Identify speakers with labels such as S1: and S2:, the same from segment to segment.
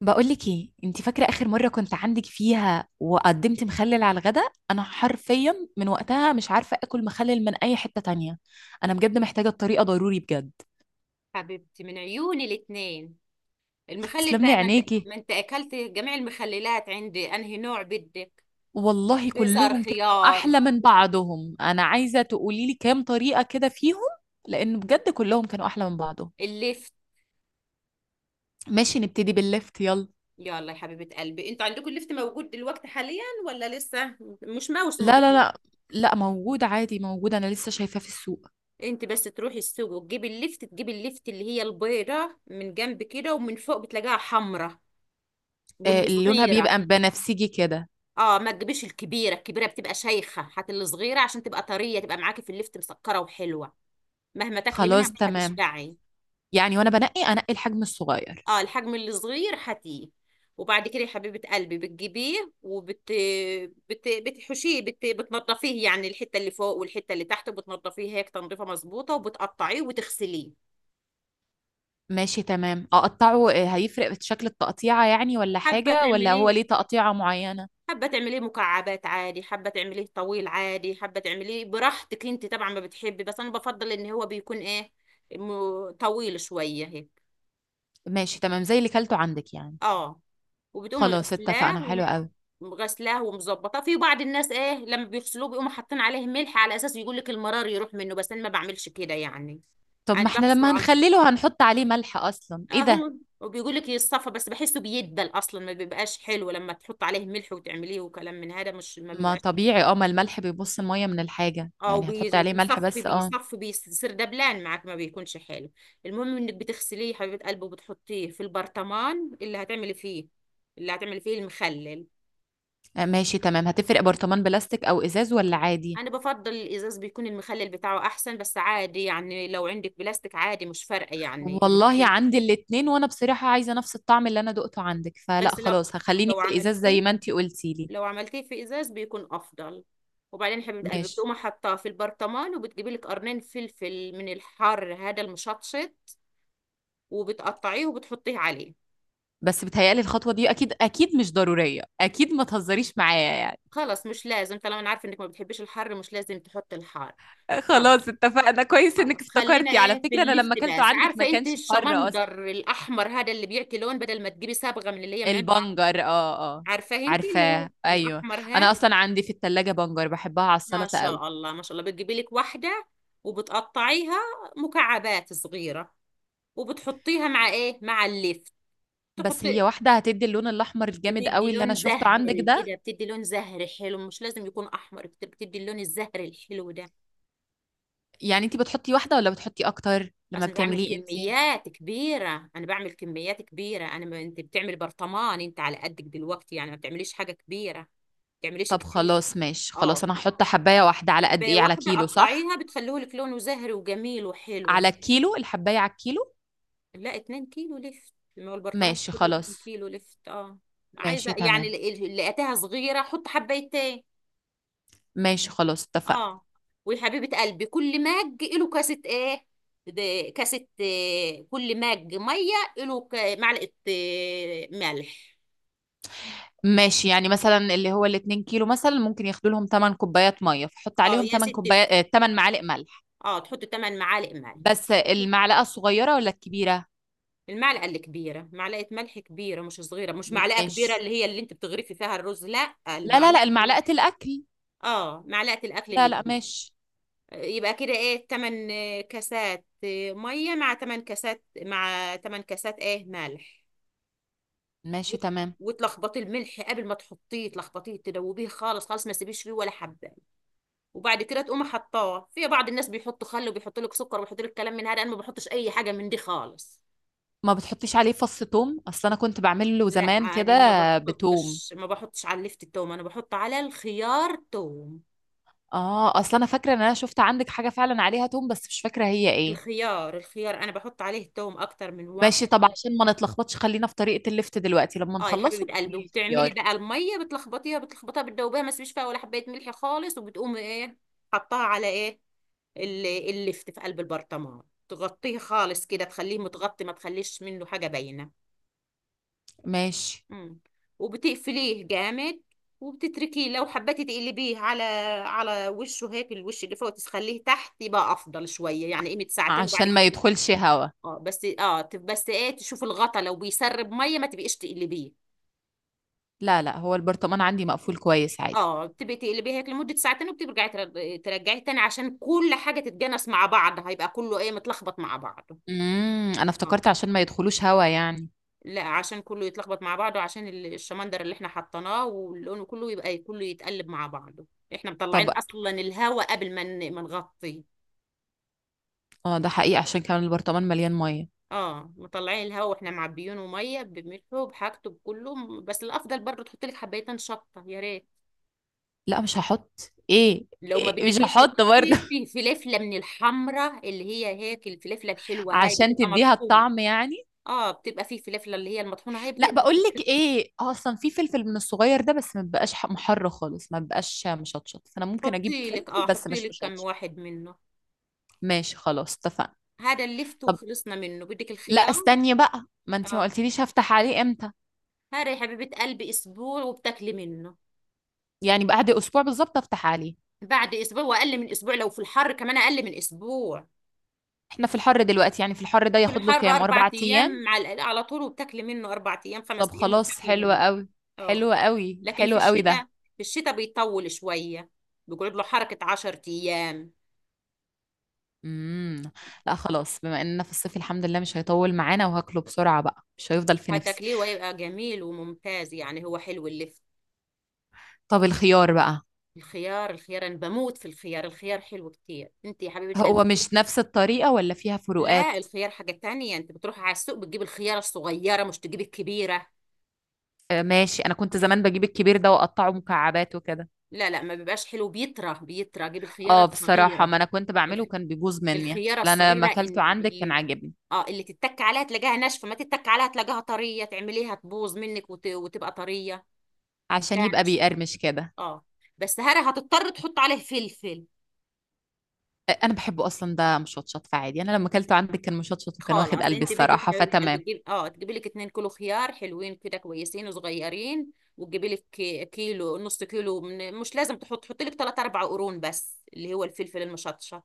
S1: بقولك ايه انت فاكره اخر مره كنت عندك فيها وقدمت مخلل على الغداء؟ انا حرفيا من وقتها مش عارفه اكل مخلل من اي حته تانية. انا بجد محتاجه الطريقه ضروري بجد.
S2: حبيبتي من عيوني الاتنين. المخلل
S1: تسلم
S2: بقى،
S1: لي
S2: ما انت
S1: عينيكي.
S2: ما انت اكلت جميع المخللات عندي، انهي نوع بدك؟
S1: والله
S2: بزر
S1: كلهم كانوا
S2: خيار.
S1: احلى من بعضهم. انا عايزه تقولي لي كام طريقه كده فيهم، لان بجد كلهم كانوا احلى من بعضهم.
S2: اللفت.
S1: ماشي، نبتدي بالليفت يلا.
S2: يلا يا حبيبة قلبي، انتوا عندكم اللفت موجود دلوقتي حاليا ولا لسه؟ مش موسمه
S1: لا لا
S2: بتهيألي.
S1: لا، لا موجود عادي، موجود. انا لسه شايفاه في السوق.
S2: انت بس تروحي السوق وتجيبي اللفت، تجيبي اللفت اللي هي البيضة من جنب كده ومن فوق بتلاقيها حمرة،
S1: آه،
S2: واللي
S1: لونها
S2: صغيرة.
S1: بيبقى بنفسجي كده.
S2: اه، ما تجيبيش الكبيرة، الكبيرة بتبقى شيخة، هات اللي صغيرة عشان تبقى طرية، تبقى معاكي في اللفت مسكرة وحلوة، مهما تاكلي منها
S1: خلاص
S2: مش
S1: تمام،
S2: هتشبعي.
S1: يعني وانا بنقي انقي الحجم الصغير.
S2: اه، الحجم الصغير هاتيه. وبعد كده يا حبيبة قلبي بتجيبيه بتحشيه، بتنضفيه، يعني الحتة اللي فوق والحتة اللي تحت بتنضفيه هيك تنظيفة مظبوطة، وبتقطعيه وتغسليه.
S1: ماشي تمام، اقطعه. آه، هيفرق في شكل التقطيعة يعني ولا
S2: حابة
S1: حاجة؟ ولا هو
S2: تعمليه
S1: ليه تقطيعة معينة؟
S2: حابة تعمليه مكعبات عادي، حابة تعمليه طويل عادي، حابة تعمليه براحتك. انت طبعا ما بتحبي، بس انا بفضل ان هو بيكون ايه، طويل شوية هيك.
S1: ماشي تمام، زي اللي كلته عندك يعني.
S2: اه. وبتقومي
S1: خلاص
S2: غسلاه،
S1: اتفقنا، حلو قوي.
S2: غسلاه ومظبطاه. في بعض الناس ايه، لما بيغسلوه بيقوموا حاطين عليه ملح على اساس يقول لك المرار يروح منه، بس انا ما بعملش كده يعني.
S1: طب
S2: انا
S1: ما احنا
S2: بغسله
S1: لما
S2: على
S1: هنخلله هنحط عليه ملح اصلا، ايه ده؟
S2: اهو. وبيقول لك يصفى، بس بحسه بيدبل اصلا، ما بيبقاش حلو لما تحط عليه ملح وتعمليه وكلام من هذا، مش ما
S1: ما
S2: بيبقاش.
S1: طبيعي اه، ما الملح بيبص المية من الحاجة
S2: او،
S1: يعني، هتحط عليه ملح
S2: بيصفي
S1: بس اه.
S2: بيصفي بيصير دبلان معاك، ما بيكونش حلو. المهم انك بتغسليه يا حبيبه قلبي وبتحطيه في البرطمان اللي هتعملي فيه، اللي هتعملي فيه المخلل.
S1: آه، ماشي تمام. هتفرق برطمان بلاستيك او ازاز ولا عادي؟
S2: انا بفضل الازاز، بيكون المخلل بتاعه احسن، بس عادي يعني، لو عندك بلاستيك عادي، مش فارقه يعني
S1: والله
S2: المخلل.
S1: عندي الاتنين، وانا بصراحة عايزة نفس الطعم اللي انا دقته عندك، فلا
S2: بس
S1: خلاص، هخليني
S2: لو
S1: في الازاز زي
S2: عملتيه
S1: ما انتي قلتي لي.
S2: لو عملتيه في ازاز بيكون افضل. وبعدين حبيبه قلبي
S1: ماشي.
S2: بتقوم حاطاه في البرطمان، وبتجيبي لك قرنين فلفل من الحار هذا المشطشط، وبتقطعيه وبتحطيه عليه.
S1: بس بتهيألي الخطوة دي أكيد أكيد مش ضرورية، أكيد ما تهزريش معايا يعني.
S2: خلاص، مش لازم، طالما انا عارفه انك ما بتحبيش الحر، مش لازم تحطي الحار. خلاص.
S1: خلاص اتفقنا، كويس إنك
S2: خلاص، خلينا
S1: افتكرتي. على
S2: ايه في
S1: فكرة، أنا
S2: اللفت
S1: لما أكلته
S2: بس.
S1: عندك ما
S2: عارفه انت
S1: كانش حر أصلا.
S2: الشمندر الاحمر هذا اللي بيعطي لون، بدل ما تجيبي صبغه من اللي هي من عند.
S1: البنجر، اه اه.
S2: عارفاه انت اللي هو
S1: عارفاه أيوه.
S2: الاحمر، ها؟
S1: أنا أصلا عندي في التلاجة بنجر، بحبها على
S2: ما
S1: السلطة قوي.
S2: شاء الله ما شاء الله. بتجيبي لك واحده، وبتقطعيها مكعبات صغيره، وبتحطيها مع ايه، مع اللفت.
S1: بس
S2: تحطي،
S1: هي واحدة هتدي اللون الأحمر الجامد
S2: بتدي
S1: قوي اللي
S2: لون
S1: أنا شفته عندك
S2: زهري
S1: ده؟
S2: كده، بتدي لون زهري حلو، مش لازم يكون احمر، بتدي اللون الزهري الحلو ده.
S1: يعني أنت بتحطي واحدة ولا بتحطي أكتر لما
S2: اصل أنا بعمل
S1: بتعمليه أنت؟
S2: كميات كبيره، انا، ما انت بتعمل برطمان، انت على قدك دلوقتي، يعني ما بتعمليش حاجه كبيره، ما بتعمليش
S1: طب
S2: كتير.
S1: خلاص ماشي،
S2: اه.
S1: خلاص أنا هحط حباية واحدة على قد إيه، على
S2: واحدة
S1: كيلو صح؟
S2: قطعيها، بتخليه لك لونه زهري وجميل وحلو.
S1: على الكيلو، الحباية على الكيلو؟
S2: لا، 2 كيلو لفت، ما هو البرطمان
S1: ماشي
S2: كله 2
S1: خلاص.
S2: كيلو لفت. اه، عايزة
S1: ماشي
S2: يعني
S1: تمام.
S2: لقيتها صغيرة حط حبايتين.
S1: ماشي خلاص اتفقنا.
S2: اه. وحبيبة قلبي، كل مج له كاسة ايه ده، كاسة، آه، كل مج مية له معلقة، آه، ملح.
S1: ماشي، يعني مثلا اللي هو الاتنين كيلو مثلا ممكن ياخدوا لهم 8 كوبايات ميه، فحط
S2: اه
S1: عليهم
S2: يا
S1: 8
S2: ستي،
S1: كوبايات، 8 معالق ملح.
S2: اه، تحط 8 معالق ملح
S1: بس
S2: وتحط.
S1: المعلقه الصغيره ولا الكبيره؟
S2: المعلقة اللي كبيرة، معلقة ملح كبيرة، مش صغيرة، مش معلقة كبيرة
S1: ماشي.
S2: اللي هي اللي انت بتغرفي فيها الرز، لا،
S1: لا لا
S2: المعلقة.
S1: لا، المعلقه الاكل.
S2: اه، معلقة الأكل
S1: لا
S2: اللي
S1: لا،
S2: كبيرة.
S1: ماشي.
S2: يبقى كده ايه، 8 كاسات مية مع 8 كاسات، مع 8 كاسات ايه، ملح.
S1: ماشي
S2: وت-
S1: تمام.
S2: وتلخبطي الملح قبل ما تحطيه، تلخبطيه تدوبيه خالص خالص، ما تسيبيش فيه ولا حبة. وبعد كده تقومي حطاه. في بعض الناس بيحطوا خل وبيحطوا لك سكر وبيحطوا لك كلام من هذا، انا ما بحطش اي حاجة من دي خالص.
S1: ما بتحطيش عليه فص توم؟ اصل انا كنت بعمل له
S2: لا.
S1: زمان كده.
S2: يعني
S1: بتوم.
S2: ما بحطش على اللفت التوم، انا بحط على الخيار توم.
S1: اه، اصل انا فاكره ان انا شفت عندك حاجه فعلا عليها توم بس مش فاكره هي ايه.
S2: الخيار، الخيار انا بحط عليه توم اكتر من
S1: ماشي،
S2: واحد.
S1: طب عشان ما نتلخبطش خلينا في طريقه اللفت دلوقتي، لما
S2: اه يا
S1: نخلصه
S2: حبيبه قلبي،
S1: بيقولي لي
S2: وبتعملي
S1: الخيار.
S2: بقى الميه، بتلخبطيها، بتدوبيها، ما تسيبيش فيها ولا حبايه ملح خالص. وبتقومي ايه، حطها على ايه، اللفت في قلب البرطمان، تغطيه خالص كده، تخليه متغطي، ما تخليش منه حاجه باينه.
S1: ماشي.
S2: مم. وبتقفليه جامد وبتتركيه. لو حبيتي تقلبيه على على وشه هيك، الوش اللي فوق تخليه تحت، يبقى افضل شويه يعني، قيمه ساعتين وبعد
S1: عشان ما
S2: كده
S1: يدخلش هوا؟
S2: اه بس اه، بس ايه، تشوف الغطا، لو بيسرب ميه ما تبقيش تقلبيه.
S1: لا لا، هو البرطمان عندي مقفول كويس عادي.
S2: اه، بتبقي تقلبيه هيك لمده ساعتين، وبترجعي ترجعيه تاني عشان كل حاجه تتجانس مع بعض، هيبقى كله ايه، متلخبط مع بعضه.
S1: انا
S2: اه.
S1: افتكرت عشان ما يدخلوش هوا يعني.
S2: لا، عشان كله يتلخبط مع بعضه، عشان الشمندر اللي احنا حطيناه، واللون كله يبقى، كله يتقلب مع بعضه. احنا مطلعين
S1: طب
S2: اصلا الهواء قبل ما نغطيه.
S1: اه، ده حقيقي، عشان كمان البرطمان مليان ميه.
S2: اه، مطلعين الهواء واحنا معبيينه ميه بملحه بحاجته بكله، بس الافضل برضه تحط لك حبيتين شطه، يا ريت.
S1: لا مش هحط ايه،
S2: لو ما
S1: إيه؟ مش
S2: بدكيش
S1: هحط برضه.
S2: تحطي، في فلفله من الحمراء اللي هي هيك، الفلفله الحلوه هاي
S1: عشان
S2: بتبقى
S1: تديها
S2: مطحونه.
S1: الطعم يعني؟
S2: اه، بتبقى في فلفله اللي هي المطحونه، هاي
S1: لا،
S2: بتقدر
S1: بقول
S2: تحطي
S1: لك
S2: لك.
S1: ايه، آه، اصلا في فلفل من الصغير ده بس ما بيبقاش محر خالص، ما بيبقاش مشطشط، فانا ممكن اجيب
S2: حطي لك
S1: فلفل
S2: اه،
S1: بس
S2: حطي
S1: مش
S2: لك كم
S1: مشطشط.
S2: واحد منه.
S1: ماشي خلاص اتفقنا.
S2: هذا اللفت
S1: طب
S2: وخلصنا منه. بدك
S1: لا،
S2: الخيار.
S1: استني بقى، ما انت ما
S2: اه،
S1: قلتليش هفتح عليه امتى.
S2: هذا يا حبيبة قلبي اسبوع وبتاكلي منه.
S1: يعني بعد اسبوع بالظبط افتح عليه؟
S2: بعد اسبوع، واقل من اسبوع لو في الحر، كمان اقل من اسبوع.
S1: احنا في الحر دلوقتي، يعني في الحر ده
S2: في
S1: ياخد
S2: الحر
S1: له كام،
S2: اربع
S1: اربع ايام؟
S2: ايام على على طول وبتاكلي منه، اربع ايام، خمس
S1: طب
S2: ايام
S1: خلاص،
S2: وبتاكلي
S1: حلو
S2: منه.
S1: قوي،
S2: اه،
S1: حلو قوي،
S2: لكن في
S1: حلو قوي
S2: الشتاء،
S1: ده.
S2: في الشتاء بيطول شوية، بيقعد له حركة عشر ايام.
S1: امم. لا خلاص، بما اننا في الصيف الحمد لله مش هيطول معانا، وهاكله بسرعة بقى، مش هيفضل في نفسي.
S2: هتاكليه ويبقى جميل وممتاز، يعني هو حلو اللفت.
S1: طب الخيار بقى.
S2: الخيار، الخيار انا بموت في الخيار، الخيار حلو كتير انت يا حبيبة
S1: هو
S2: قلبي.
S1: مش نفس الطريقة ولا فيها فروقات؟
S2: لا، الخيار حاجة تانية. انت بتروح على السوق، بتجيب الخيارة الصغيرة، مش تجيب الكبيرة.
S1: آه ماشي، انا كنت زمان بجيب الكبير ده واقطعه مكعبات وكده.
S2: لا لا، ما بيبقاش حلو، بيطرى، بيطرى. جيب الخيارة
S1: اه بصراحة،
S2: الصغيرة.
S1: ما انا كنت بعمله
S2: الخ-
S1: وكان بيبوظ مني،
S2: الخيارة
S1: فانا لما
S2: الصغيرة،
S1: اكلته عندك كان
S2: اللي،
S1: عاجبني.
S2: اه، اللي تتك عليها تلاقيها ناشفة، ما تتك عليها تلاقيها طرية، تعمليها تبوظ منك وتبقى طرية.
S1: عشان
S2: تلاقيها
S1: يبقى
S2: ناشفة.
S1: بيقرمش كده.
S2: اه، بس هره هتضطر تحط عليه فلفل.
S1: انا بحبه اصلا ده مشطشط، فعادي انا لما اكلته عندك كان مشطشط وكان واخد
S2: خلاص،
S1: قلبي
S2: انت بدك
S1: الصراحه،
S2: لعبة قلب،
S1: فتمام.
S2: تجيب اه، تجيبي لك اتنين كيلو خيار حلوين كده كويسين وصغيرين، وتجيبي لك كيلو، نص كيلو. من مش لازم تحط، حطي لك 3 4 قرون بس، اللي هو الفلفل المشطشط.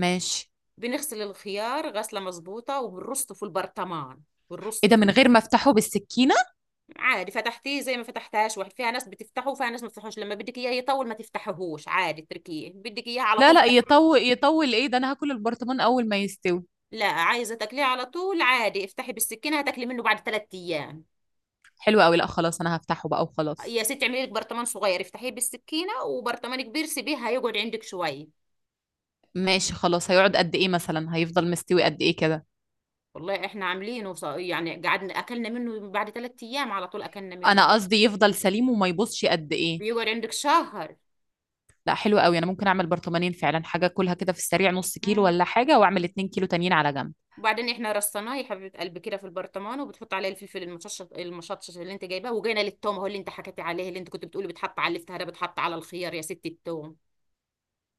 S1: ماشي.
S2: بنغسل الخيار غسلة مظبوطة وبنرصه في البرطمان، بنرص
S1: ايه ده،
S2: فيه.
S1: من غير ما افتحه بالسكينه؟
S2: عادي، فتحتيه زي ما فتحتهاش واحد، فيها ناس بتفتحه وفيها ناس ما بتفتحوش، لما بدك اياه يطول ما تفتحهوش عادي، اتركيه. بدك اياه على
S1: لا
S2: طول،
S1: لا، يطول يطول ايه ده، انا هاكل البرطمان اول ما يستوي.
S2: لا، عايزه تاكليه على طول، عادي افتحي بالسكينه، هتاكلي منه بعد ثلاث ايام.
S1: حلو قوي. لا خلاص، انا هفتحه بقى وخلاص.
S2: يا ستي، اعملي لك برطمان صغير افتحيه بالسكينه، وبرطمان كبير سيبيه هيقعد عندك شويه.
S1: ماشي خلاص، هيقعد قد ايه مثلا، هيفضل مستوي قد ايه كده؟
S2: والله احنا عاملينه يعني قعدنا اكلنا منه بعد ثلاث ايام على طول، اكلنا منه.
S1: انا قصدي يفضل سليم وما يبصش قد ايه.
S2: بيقعد عندك شهر.
S1: لا حلو قوي، انا ممكن اعمل برطمانين فعلا، حاجه اكلها كده في السريع نص كيلو
S2: مم.
S1: ولا حاجه، واعمل 2 كيلو تانيين على جنب.
S2: وبعدين احنا رصيناه يا حبيبه قلبي كده في البرطمان، وبتحط عليه الفلفل المشطشط، المشطشط اللي انت جايباه. وجينا للتوم، هو اللي انت حكيتي عليه اللي انت كنت بتقولي بتحط على الافتهار ده، بتحط على الخيار يا ست التوم.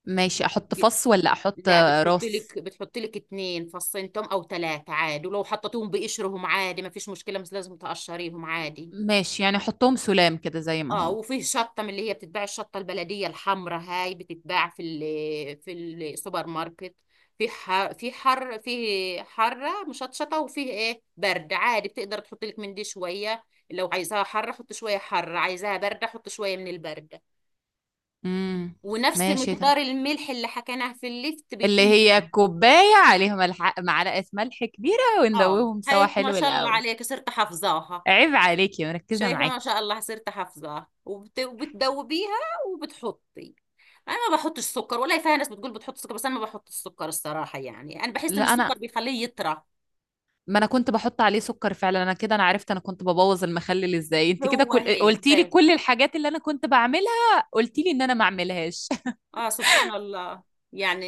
S1: ماشي، احط فص ولا احط،
S2: لا،
S1: آه، راس؟
S2: بتحط لك اتنين فصين توم او تلاتة عادي، ولو حطيتهم بقشرهم عادي، ما فيش مشكلة، مش لازم تقشريهم عادي.
S1: ماشي، يعني حطهم سلام كده زي ما
S2: اه.
S1: هم.
S2: وفيه شطة من اللي هي بتتباع، الشطة البلدية الحمراء هاي بتتباع في السوبر ماركت، في حر، في حر، في حرة مشطشطة، وفيه ايه، برد عادي، بتقدر تحط لك من دي شوية. لو عايزاها حرة حط شوية حرة، عايزاها باردة حط شوية من الباردة.
S1: امم.
S2: ونفس
S1: ماشي ده.
S2: مقدار الملح اللي حكيناه في الليفت
S1: اللي
S2: بيكون
S1: هي
S2: كده.
S1: كوباية عليهم معلقة ملح كبيرة
S2: اه
S1: وندوبهم سوا
S2: هيك، ما
S1: حلو
S2: شاء الله
S1: الأول.
S2: عليك صرت حافظاها.
S1: عيب عليكي، مركزة
S2: شايفة ما
S1: معاكي.
S2: شاء الله، صرت حافظاها. وبتذوبيها وبتحطي. انا ما بحطش سكر، ولا فيها ناس بتقول بتحط سكر، بس انا ما بحط السكر الصراحة. يعني انا بحس ان
S1: لا أنا،
S2: السكر بيخليه يطرى.
S1: ما أنا كنت بحط عليه سكر فعلا، أنا كده أنا عرفت أنا كنت ببوظ المخلل إزاي، أنت كده
S2: هو هيك
S1: قلتي لي
S2: بس.
S1: كل الحاجات اللي أنا كنت بعملها قلتي لي إن أنا ما أعملهاش.
S2: اه، سبحان الله،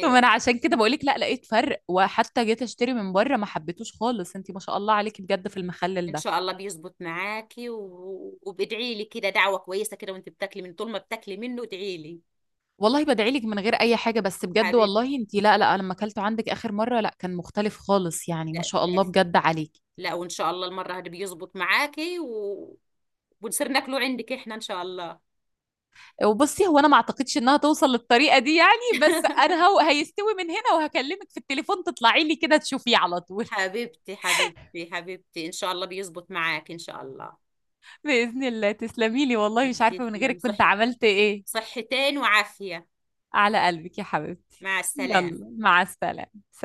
S1: طب أنا عشان كده بقولك، لا لقيت فرق، وحتى جيت أشتري من بره ما حبيتوش خالص. أنت ما شاء الله عليكي بجد في المخلل
S2: ان
S1: ده.
S2: شاء الله بيزبط معاكي، وبادعي لي كده، دعوة كويسة كده وانت بتاكلي، من طول ما بتاكلي منه ادعي لي.
S1: والله بدعي لك من غير اي حاجه، بس بجد
S2: حبيبتي.
S1: والله انت، لا لا، لما اكلته عندك اخر مره لا، كان مختلف خالص يعني، ما شاء الله بجد عليك.
S2: لا، وان شاء الله المره هذه بيزبط معاكي، ونصير ناكله عندك احنا ان شاء الله.
S1: وبصي، هو انا ما اعتقدش انها توصل للطريقه دي يعني، بس انا هو هيستوي من هنا وهكلمك في التليفون تطلعي لي كده تشوفيه على طول.
S2: حبيبتي حبيبتي حبيبتي، ان شاء الله بيزبط معاك ان شاء الله.
S1: باذن الله، تسلمي لي والله، مش عارفه من
S2: تسلم.
S1: غيرك
S2: صح.
S1: كنت عملت ايه.
S2: صحتين وعافية.
S1: على قلبك يا حبيبتي.
S2: مع السلامة.
S1: يلا مع السلامه، سلام.